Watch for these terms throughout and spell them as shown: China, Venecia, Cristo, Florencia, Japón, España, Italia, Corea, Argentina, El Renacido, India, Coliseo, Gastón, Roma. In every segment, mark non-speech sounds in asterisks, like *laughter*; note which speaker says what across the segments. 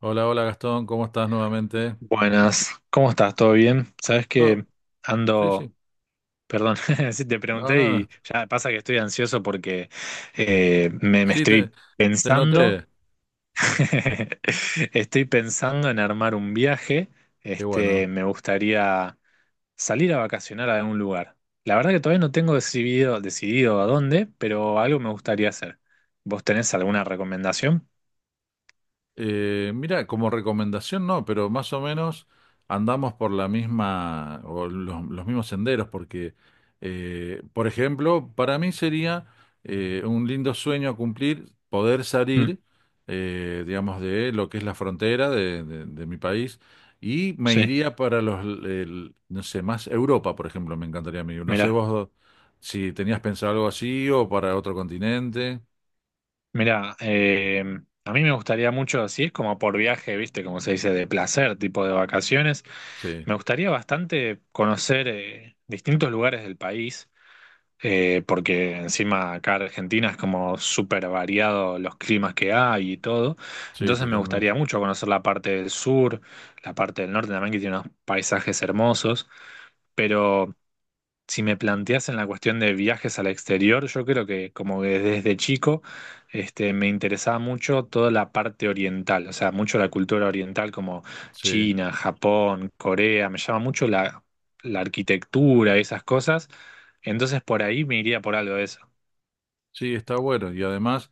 Speaker 1: Hola, hola Gastón, ¿cómo estás nuevamente?
Speaker 2: Buenas, ¿cómo estás? ¿Todo bien? Sabes que
Speaker 1: ¿Todo? Sí,
Speaker 2: ando,
Speaker 1: sí,
Speaker 2: perdón, *laughs* si te
Speaker 1: no,
Speaker 2: pregunté
Speaker 1: nada.
Speaker 2: y ya pasa que estoy ansioso porque me
Speaker 1: Sí, te,
Speaker 2: estoy
Speaker 1: te
Speaker 2: pensando,
Speaker 1: noté.
Speaker 2: *laughs* estoy pensando en armar un viaje,
Speaker 1: Qué bueno.
Speaker 2: me gustaría salir a vacacionar a algún lugar. La verdad que todavía no tengo decidido a dónde, pero algo me gustaría hacer. ¿Vos tenés alguna recomendación?
Speaker 1: Mira, como recomendación no, pero más o menos andamos por la misma o los mismos senderos, porque, por ejemplo, para mí sería un lindo sueño a cumplir poder
Speaker 2: Mm,
Speaker 1: salir, digamos, de lo que es la frontera de mi país y me
Speaker 2: sí,
Speaker 1: iría para no sé, más Europa, por ejemplo, me encantaría a mí. No sé
Speaker 2: mirá.
Speaker 1: vos si tenías pensado algo así o para otro continente.
Speaker 2: Mira, a mí me gustaría mucho, así es como por viaje, viste, como se dice, de placer, tipo de vacaciones.
Speaker 1: Sí,
Speaker 2: Me gustaría bastante conocer distintos lugares del país, porque encima acá en Argentina es como súper variado los climas que hay y todo.
Speaker 1: sí,
Speaker 2: Entonces me
Speaker 1: totalmente.
Speaker 2: gustaría mucho conocer la parte del sur, la parte del norte también, que tiene unos paisajes hermosos. Pero si me planteas en la cuestión de viajes al exterior, yo creo que como que desde chico me interesaba mucho toda la parte oriental, o sea, mucho la cultura oriental como
Speaker 1: Sí.
Speaker 2: China, Japón, Corea, me llama mucho la arquitectura, esas cosas. Entonces por ahí me iría por algo de eso.
Speaker 1: Sí, está bueno. Y además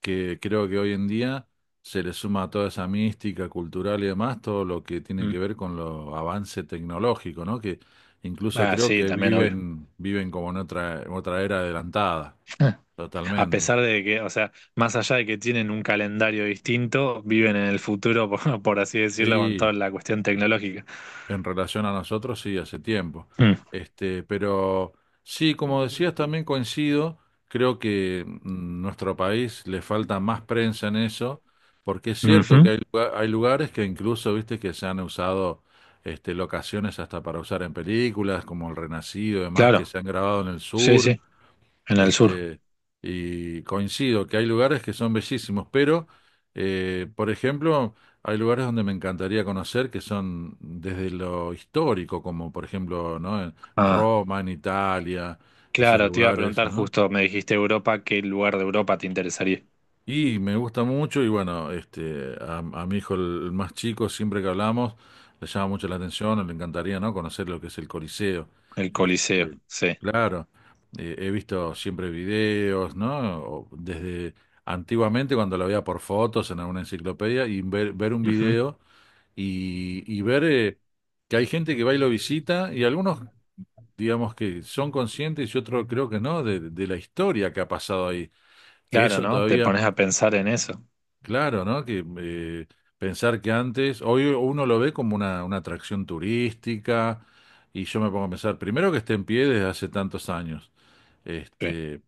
Speaker 1: que creo que hoy en día se le suma a toda esa mística cultural y demás todo lo que tiene que
Speaker 2: Mm.
Speaker 1: ver con los avances tecnológicos, ¿no? Que incluso
Speaker 2: Ah,
Speaker 1: creo
Speaker 2: sí,
Speaker 1: que
Speaker 2: también, obvio.
Speaker 1: viven como en otra era adelantada,
Speaker 2: *laughs* A
Speaker 1: totalmente.
Speaker 2: pesar de que, o sea, más allá de que tienen un calendario distinto, viven en el futuro, *laughs* por así decirlo, con
Speaker 1: Sí,
Speaker 2: toda la cuestión tecnológica.
Speaker 1: en relación a nosotros, sí, hace tiempo.
Speaker 2: Mm.
Speaker 1: Pero sí, como decías, también coincido, creo que nuestro país le falta más prensa en eso, porque es cierto que
Speaker 2: Ujú.
Speaker 1: hay lugares que incluso, viste, que se han usado, locaciones hasta para usar en películas, como El Renacido y demás, que
Speaker 2: Claro.
Speaker 1: se han grabado en el
Speaker 2: Sí,
Speaker 1: sur.
Speaker 2: sí, en el sur.
Speaker 1: Este, y coincido que hay lugares que son bellísimos, pero, por ejemplo, hay lugares donde me encantaría conocer que son desde lo histórico, como por ejemplo, ¿no? En
Speaker 2: Ah,
Speaker 1: Roma, en Italia, esos
Speaker 2: claro, te iba a
Speaker 1: lugares,
Speaker 2: preguntar
Speaker 1: ¿no?
Speaker 2: justo, me dijiste Europa, ¿qué lugar de Europa te interesaría?
Speaker 1: Y me gusta mucho y bueno, a mi hijo, el más chico, siempre que hablamos, le llama mucho la atención, le encantaría, ¿no? Conocer lo que es el Coliseo.
Speaker 2: El Coliseo,
Speaker 1: Este,
Speaker 2: sí.
Speaker 1: claro, he visto siempre videos, ¿no? O desde antiguamente cuando lo veía por fotos en alguna enciclopedia y ver un
Speaker 2: Ujú.
Speaker 1: video, y ver, que hay gente que va y lo visita y algunos, digamos, que son conscientes y otros creo que no, de la historia que ha pasado ahí, que
Speaker 2: Claro,
Speaker 1: eso
Speaker 2: ¿no? Te
Speaker 1: todavía...
Speaker 2: pones a pensar en eso.
Speaker 1: Claro, ¿no? Que, pensar que antes, hoy uno lo ve como una atracción turística, y yo me pongo a pensar, primero, que esté en pie desde hace tantos años.
Speaker 2: Sí.
Speaker 1: Este,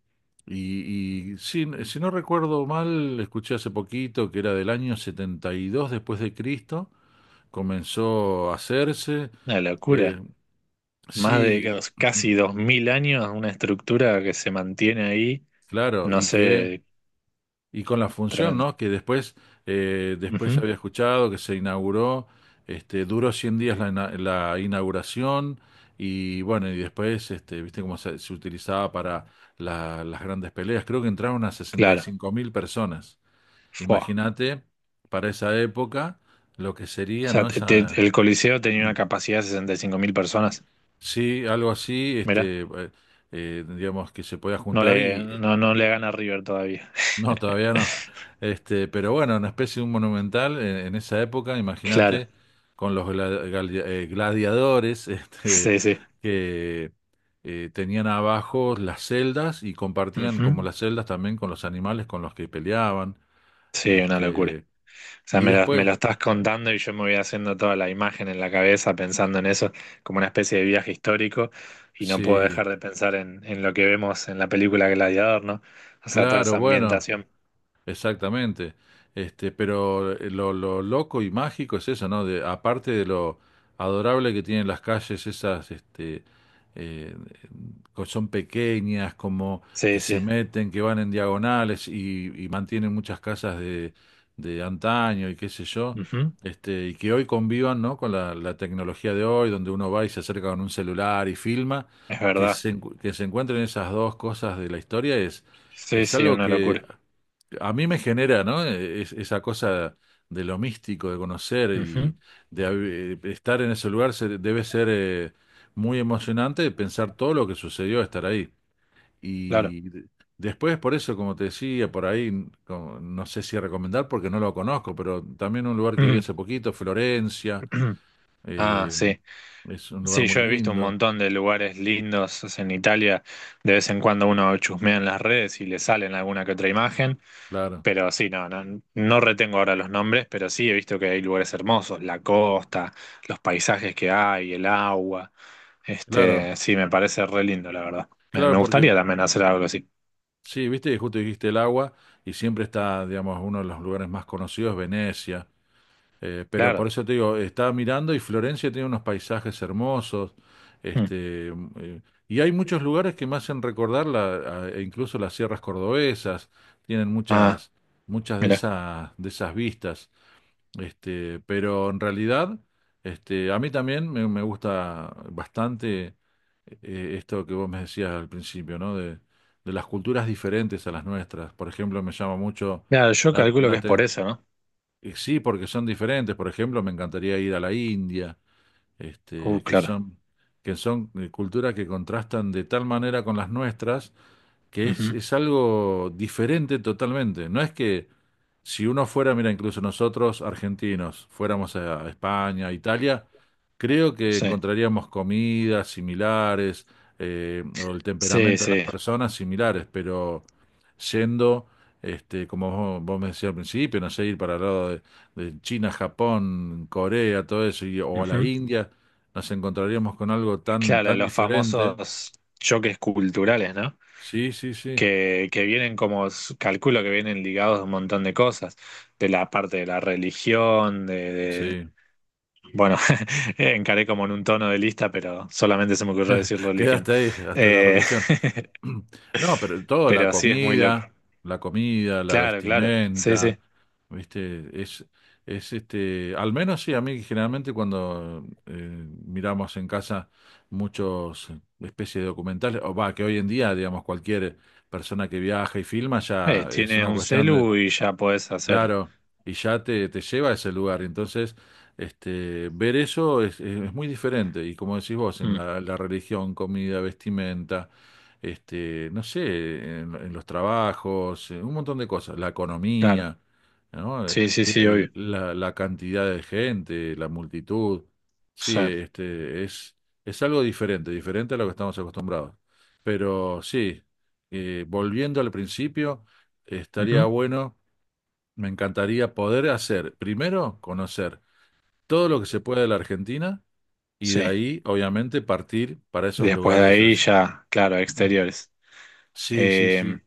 Speaker 1: y, si no recuerdo mal, escuché hace poquito que era del año 72 después de Cristo, comenzó a hacerse.
Speaker 2: Una
Speaker 1: eh,
Speaker 2: locura. Más de
Speaker 1: sí, *clears throat*
Speaker 2: casi 2000 años, una estructura que se mantiene ahí,
Speaker 1: claro,
Speaker 2: no
Speaker 1: y que
Speaker 2: sé,
Speaker 1: y con la función,
Speaker 2: tremendo.
Speaker 1: ¿no? Que después, después
Speaker 2: Ujú.
Speaker 1: había escuchado que se inauguró, duró 100 días la, la inauguración, y bueno, y después, viste cómo se utilizaba para las grandes peleas. Creo que entraron a sesenta y
Speaker 2: Claro.
Speaker 1: cinco mil personas.
Speaker 2: Fua.
Speaker 1: Imagínate, para esa época, lo que
Speaker 2: O
Speaker 1: sería,
Speaker 2: sea,
Speaker 1: ¿no? Esa,
Speaker 2: el Coliseo tenía una capacidad de 65.000 personas.
Speaker 1: sí, algo así,
Speaker 2: Mira,
Speaker 1: digamos, que se podía juntar. Y
Speaker 2: no le gana a River todavía.
Speaker 1: no, todavía no.
Speaker 2: *laughs*
Speaker 1: Pero bueno, una especie de un monumental en esa época,
Speaker 2: Claro,
Speaker 1: imagínate, con los gladiadores, *laughs* este,
Speaker 2: sí, sí.
Speaker 1: que tenían abajo las celdas y compartían como
Speaker 2: Ujú.
Speaker 1: las celdas también con los animales con los que peleaban.
Speaker 2: Sí, una locura.
Speaker 1: Este,
Speaker 2: O sea,
Speaker 1: y
Speaker 2: me lo
Speaker 1: después,
Speaker 2: estás contando y yo me voy haciendo toda la imagen en la cabeza pensando en eso como una especie de viaje histórico y no puedo
Speaker 1: sí,
Speaker 2: dejar de pensar en lo que vemos en la película Gladiador, ¿no? O sea, toda
Speaker 1: claro,
Speaker 2: esa
Speaker 1: bueno.
Speaker 2: ambientación.
Speaker 1: Exactamente. Lo loco y mágico es eso, ¿no? De, aparte de lo adorable que tienen las calles, esas, eh, son pequeñas, como que
Speaker 2: Sí,
Speaker 1: se
Speaker 2: sí.
Speaker 1: meten, que van en diagonales, y mantienen muchas casas de antaño y qué sé yo.
Speaker 2: Ujú.
Speaker 1: Y que hoy convivan, ¿no? Con la tecnología de hoy, donde uno va y se acerca con un celular y filma,
Speaker 2: Es verdad.
Speaker 1: que se encuentren esas dos cosas de la historia,
Speaker 2: Sí,
Speaker 1: es
Speaker 2: sí,
Speaker 1: algo
Speaker 2: una
Speaker 1: que
Speaker 2: locura.
Speaker 1: a mí me genera, ¿no? Esa cosa de lo místico, de conocer
Speaker 2: Ujú.
Speaker 1: y de estar en ese lugar. Debe ser, muy emocionante pensar todo lo que sucedió estar ahí.
Speaker 2: Claro.
Speaker 1: Y de- Después, por eso, como te decía, por ahí, no sé si recomendar porque no lo conozco, pero también un lugar que vi hace
Speaker 2: *clears throat*
Speaker 1: poquito, Florencia,
Speaker 2: Ah,
Speaker 1: eh,
Speaker 2: sí.
Speaker 1: es un lugar
Speaker 2: Sí,
Speaker 1: muy
Speaker 2: yo he visto un
Speaker 1: lindo,
Speaker 2: montón de lugares lindos o sea, en Italia. De vez en cuando uno chusmea en las redes y le salen alguna que otra imagen.
Speaker 1: claro,
Speaker 2: Pero sí, no, no, no retengo ahora los nombres, pero sí he visto que hay lugares hermosos, la costa, los paisajes que hay, el agua.
Speaker 1: claro,
Speaker 2: Este, sí, me parece re lindo, la verdad.
Speaker 1: claro,
Speaker 2: Me
Speaker 1: porque
Speaker 2: gustaría también hacer algo así.
Speaker 1: sí, viste, que justo dijiste el agua, y siempre está, digamos, uno de los lugares más conocidos, Venecia. Pero por
Speaker 2: Claro.
Speaker 1: eso te digo, estaba mirando y Florencia tiene unos paisajes hermosos.
Speaker 2: Mm.
Speaker 1: Este, m- eh, y hay muchos lugares que me hacen recordar la, e incluso las sierras cordobesas, tienen
Speaker 2: Ah,
Speaker 1: muchas, muchas de
Speaker 2: mira.
Speaker 1: esas, de esas vistas. Pero en realidad, a mí también me gusta bastante, esto que vos me decías al principio, ¿no? De las culturas diferentes a las nuestras. Por ejemplo, me llama mucho
Speaker 2: Claro, yo
Speaker 1: la,
Speaker 2: calculo que
Speaker 1: la
Speaker 2: es por
Speaker 1: te-
Speaker 2: eso, ¿no?
Speaker 1: sí, porque son diferentes. Por ejemplo, me encantaría ir a la India, este, que
Speaker 2: Claro.
Speaker 1: son, que son culturas que contrastan de tal manera con las nuestras, que es,
Speaker 2: Ujú.
Speaker 1: es algo diferente totalmente. No es que si uno fuera, mira, incluso nosotros argentinos, fuéramos a España, a Italia, creo que
Speaker 2: Sí.
Speaker 1: encontraríamos comidas similares, o el
Speaker 2: Sí,
Speaker 1: temperamento de las
Speaker 2: sí.
Speaker 1: personas similares. Pero yendo, como vos me decías al principio, no sé, ir para el lado de China, Japón, Corea, todo eso, o a la
Speaker 2: Ujú.
Speaker 1: India, nos encontraríamos con algo tan,
Speaker 2: Claro,
Speaker 1: tan
Speaker 2: los
Speaker 1: diferente.
Speaker 2: famosos choques culturales, ¿no?
Speaker 1: Sí, sí, sí,
Speaker 2: Que vienen como, s- calculo que vienen ligados a un montón de cosas, de la parte de la religión,
Speaker 1: sí.
Speaker 2: bueno, *laughs* encaré como en un tono de lista, pero solamente se me ocurrió decir religión.
Speaker 1: Quedaste ahí, hasta la
Speaker 2: Eh,
Speaker 1: religión.
Speaker 2: *laughs*
Speaker 1: *clears throat* No, pero todo, la
Speaker 2: pero sí es muy loco.
Speaker 1: comida, la comida, la
Speaker 2: Claro, claro, sí,
Speaker 1: vestimenta,
Speaker 2: sí.
Speaker 1: ¿viste? Es, al menos sí, a mí generalmente cuando, miramos en casa muchos, especies de documentales, o va, que hoy en día, digamos, cualquier persona que viaja y filma ya es
Speaker 2: Tiene
Speaker 1: una
Speaker 2: un
Speaker 1: cuestión.
Speaker 2: celu y ya podés hacer.
Speaker 1: Claro, y ya te lleva a ese lugar. Entonces, ver eso es muy diferente. Y como decís vos, en
Speaker 2: Mm,
Speaker 1: la religión, comida, vestimenta, no sé, en los trabajos, en un montón de cosas, la
Speaker 2: claro,
Speaker 1: economía, ¿no? Eh,
Speaker 2: sí, sí, sí,
Speaker 1: el-
Speaker 2: obvio.
Speaker 1: la, la cantidad de gente, la multitud. Sí,
Speaker 2: Sí.
Speaker 1: es algo diferente, diferente a lo que estamos acostumbrados. Pero sí, volviendo al principio, estaría
Speaker 2: Ujú,
Speaker 1: bueno, me encantaría poder hacer, primero, conocer todo lo que se puede de la Argentina y de
Speaker 2: sí.
Speaker 1: ahí, obviamente, partir para esos
Speaker 2: Después de
Speaker 1: lugares,
Speaker 2: ahí
Speaker 1: así.
Speaker 2: ya, claro,
Speaker 1: *clears throat*
Speaker 2: exteriores.
Speaker 1: Sí, sí,
Speaker 2: Eh,
Speaker 1: sí.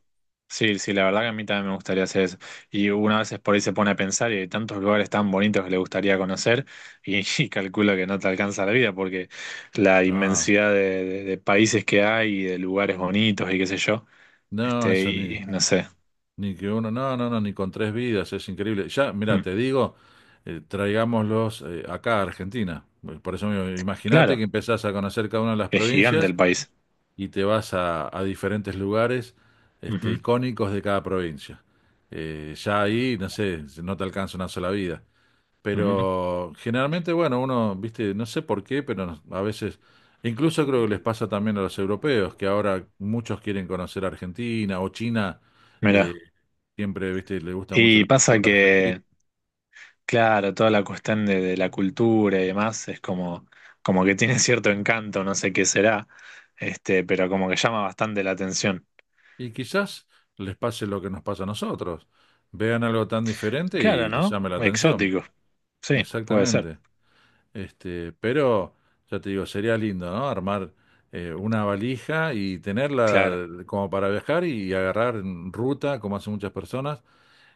Speaker 2: sí, sí, la verdad que a mí también me gustaría hacer eso. Y una vez por ahí se pone a pensar y hay tantos lugares tan bonitos que le gustaría conocer *laughs* y calculo que no te alcanza la vida porque la
Speaker 1: No,
Speaker 2: inmensidad de países que hay y de lugares bonitos y qué sé yo,
Speaker 1: no, eso ni,
Speaker 2: y no sé.
Speaker 1: ni que uno, no, no, no, ni con tres vidas, es increíble. Ya, mira,
Speaker 2: Mm,
Speaker 1: te digo, traigámoslos, acá a Argentina. Por eso mismo, imagínate que
Speaker 2: claro,
Speaker 1: empezás a conocer cada una de las
Speaker 2: es gigante
Speaker 1: provincias
Speaker 2: el país.
Speaker 1: y te vas a diferentes lugares,
Speaker 2: Ujú,
Speaker 1: icónicos de cada provincia. Ya ahí, no sé, no te alcanza una sola vida.
Speaker 2: ujú.
Speaker 1: Pero generalmente, bueno, uno, viste, no sé por qué, pero a veces, incluso creo que les pasa también a los europeos, que ahora muchos quieren conocer Argentina o China. eh,
Speaker 2: Mirá.
Speaker 1: siempre, viste, le gusta mucho la
Speaker 2: Y pasa
Speaker 1: cultura argentina.
Speaker 2: que... Claro, toda la cuestión de la cultura y demás es como, como que tiene *laughs* cierto encanto, no sé qué será, pero como que llama bastante la atención.
Speaker 1: Y quizás les pase lo que nos pasa a nosotros. Vean algo tan diferente
Speaker 2: Claro,
Speaker 1: y les
Speaker 2: ¿no?
Speaker 1: llame la atención.
Speaker 2: Exótico, sí, puede ser,
Speaker 1: Exactamente. Pero ya te digo, sería lindo, ¿no? Armar, una valija y
Speaker 2: claro,
Speaker 1: tenerla, como para viajar y agarrar en ruta, como hacen muchas personas,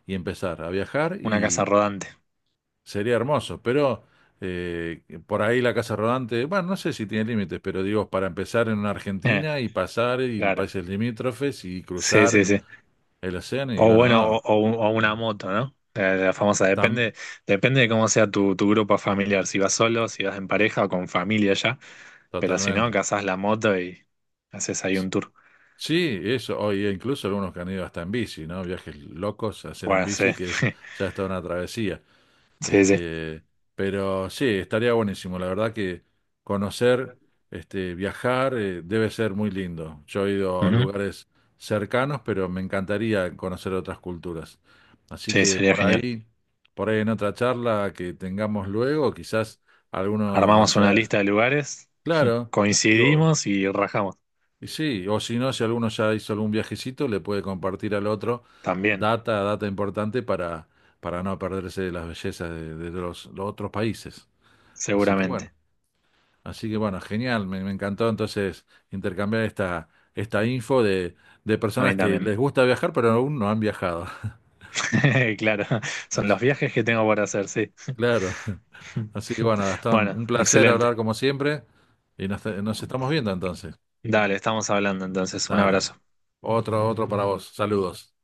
Speaker 1: y empezar a viajar,
Speaker 2: una casa
Speaker 1: y
Speaker 2: rodante, *laughs*
Speaker 1: sería hermoso. Pero, eh, por ahí la casa rodante, bueno, no sé si tiene límites, pero digo, para empezar en una
Speaker 2: Eh,
Speaker 1: Argentina y pasar y
Speaker 2: claro,
Speaker 1: países limítrofes y
Speaker 2: sí,
Speaker 1: cruzar
Speaker 2: sí, sí.
Speaker 1: el océano, y
Speaker 2: O
Speaker 1: bueno,
Speaker 2: bueno, o o una
Speaker 1: mm,
Speaker 2: moto, ¿no? La famosa,
Speaker 1: tam-
Speaker 2: depende, depende de cómo sea tu grupo familiar, si vas solo, si vas en pareja o con familia ya, pero si no,
Speaker 1: totalmente.
Speaker 2: cazás la moto y haces ahí un tour.
Speaker 1: Sí, eso, hoy incluso algunos que han ido hasta en bici, ¿no? Viajes locos a hacer en
Speaker 2: Bueno, sí,
Speaker 1: bici, que es, ya está una travesía.
Speaker 2: *laughs* sí, sí.
Speaker 1: Este, pero sí, estaría buenísimo. La verdad que conocer, viajar, debe ser muy lindo. Yo he ido a
Speaker 2: Ujú.
Speaker 1: lugares cercanos, pero me encantaría conocer otras culturas. Así
Speaker 2: Sí,
Speaker 1: que
Speaker 2: sería
Speaker 1: por
Speaker 2: genial.
Speaker 1: ahí, por ahí en otra charla que tengamos luego, quizás alguno
Speaker 2: Armamos una
Speaker 1: vaya.
Speaker 2: lista de lugares,
Speaker 1: Claro.
Speaker 2: coincidimos y rajamos.
Speaker 1: Y sí, o si no, si alguno ya hizo algún viajecito, le puede compartir al otro
Speaker 2: También,
Speaker 1: data importante, para no perderse de las bellezas de los otros países. Así que bueno,
Speaker 2: seguramente.
Speaker 1: así que bueno, genial, me encantó entonces intercambiar esta info de
Speaker 2: A mí
Speaker 1: personas que
Speaker 2: también.
Speaker 1: les gusta viajar, pero aún no han viajado.
Speaker 2: *laughs* Claro, son los
Speaker 1: *laughs*
Speaker 2: viajes que tengo por hacer, sí.
Speaker 1: Claro. Así que bueno,
Speaker 2: *laughs*
Speaker 1: Gastón,
Speaker 2: Bueno,
Speaker 1: un placer hablar
Speaker 2: excelente.
Speaker 1: como siempre y nos estamos viendo entonces.
Speaker 2: Dale, estamos hablando entonces. Un
Speaker 1: Dale.
Speaker 2: abrazo.
Speaker 1: Otro, otro para vos. Saludos.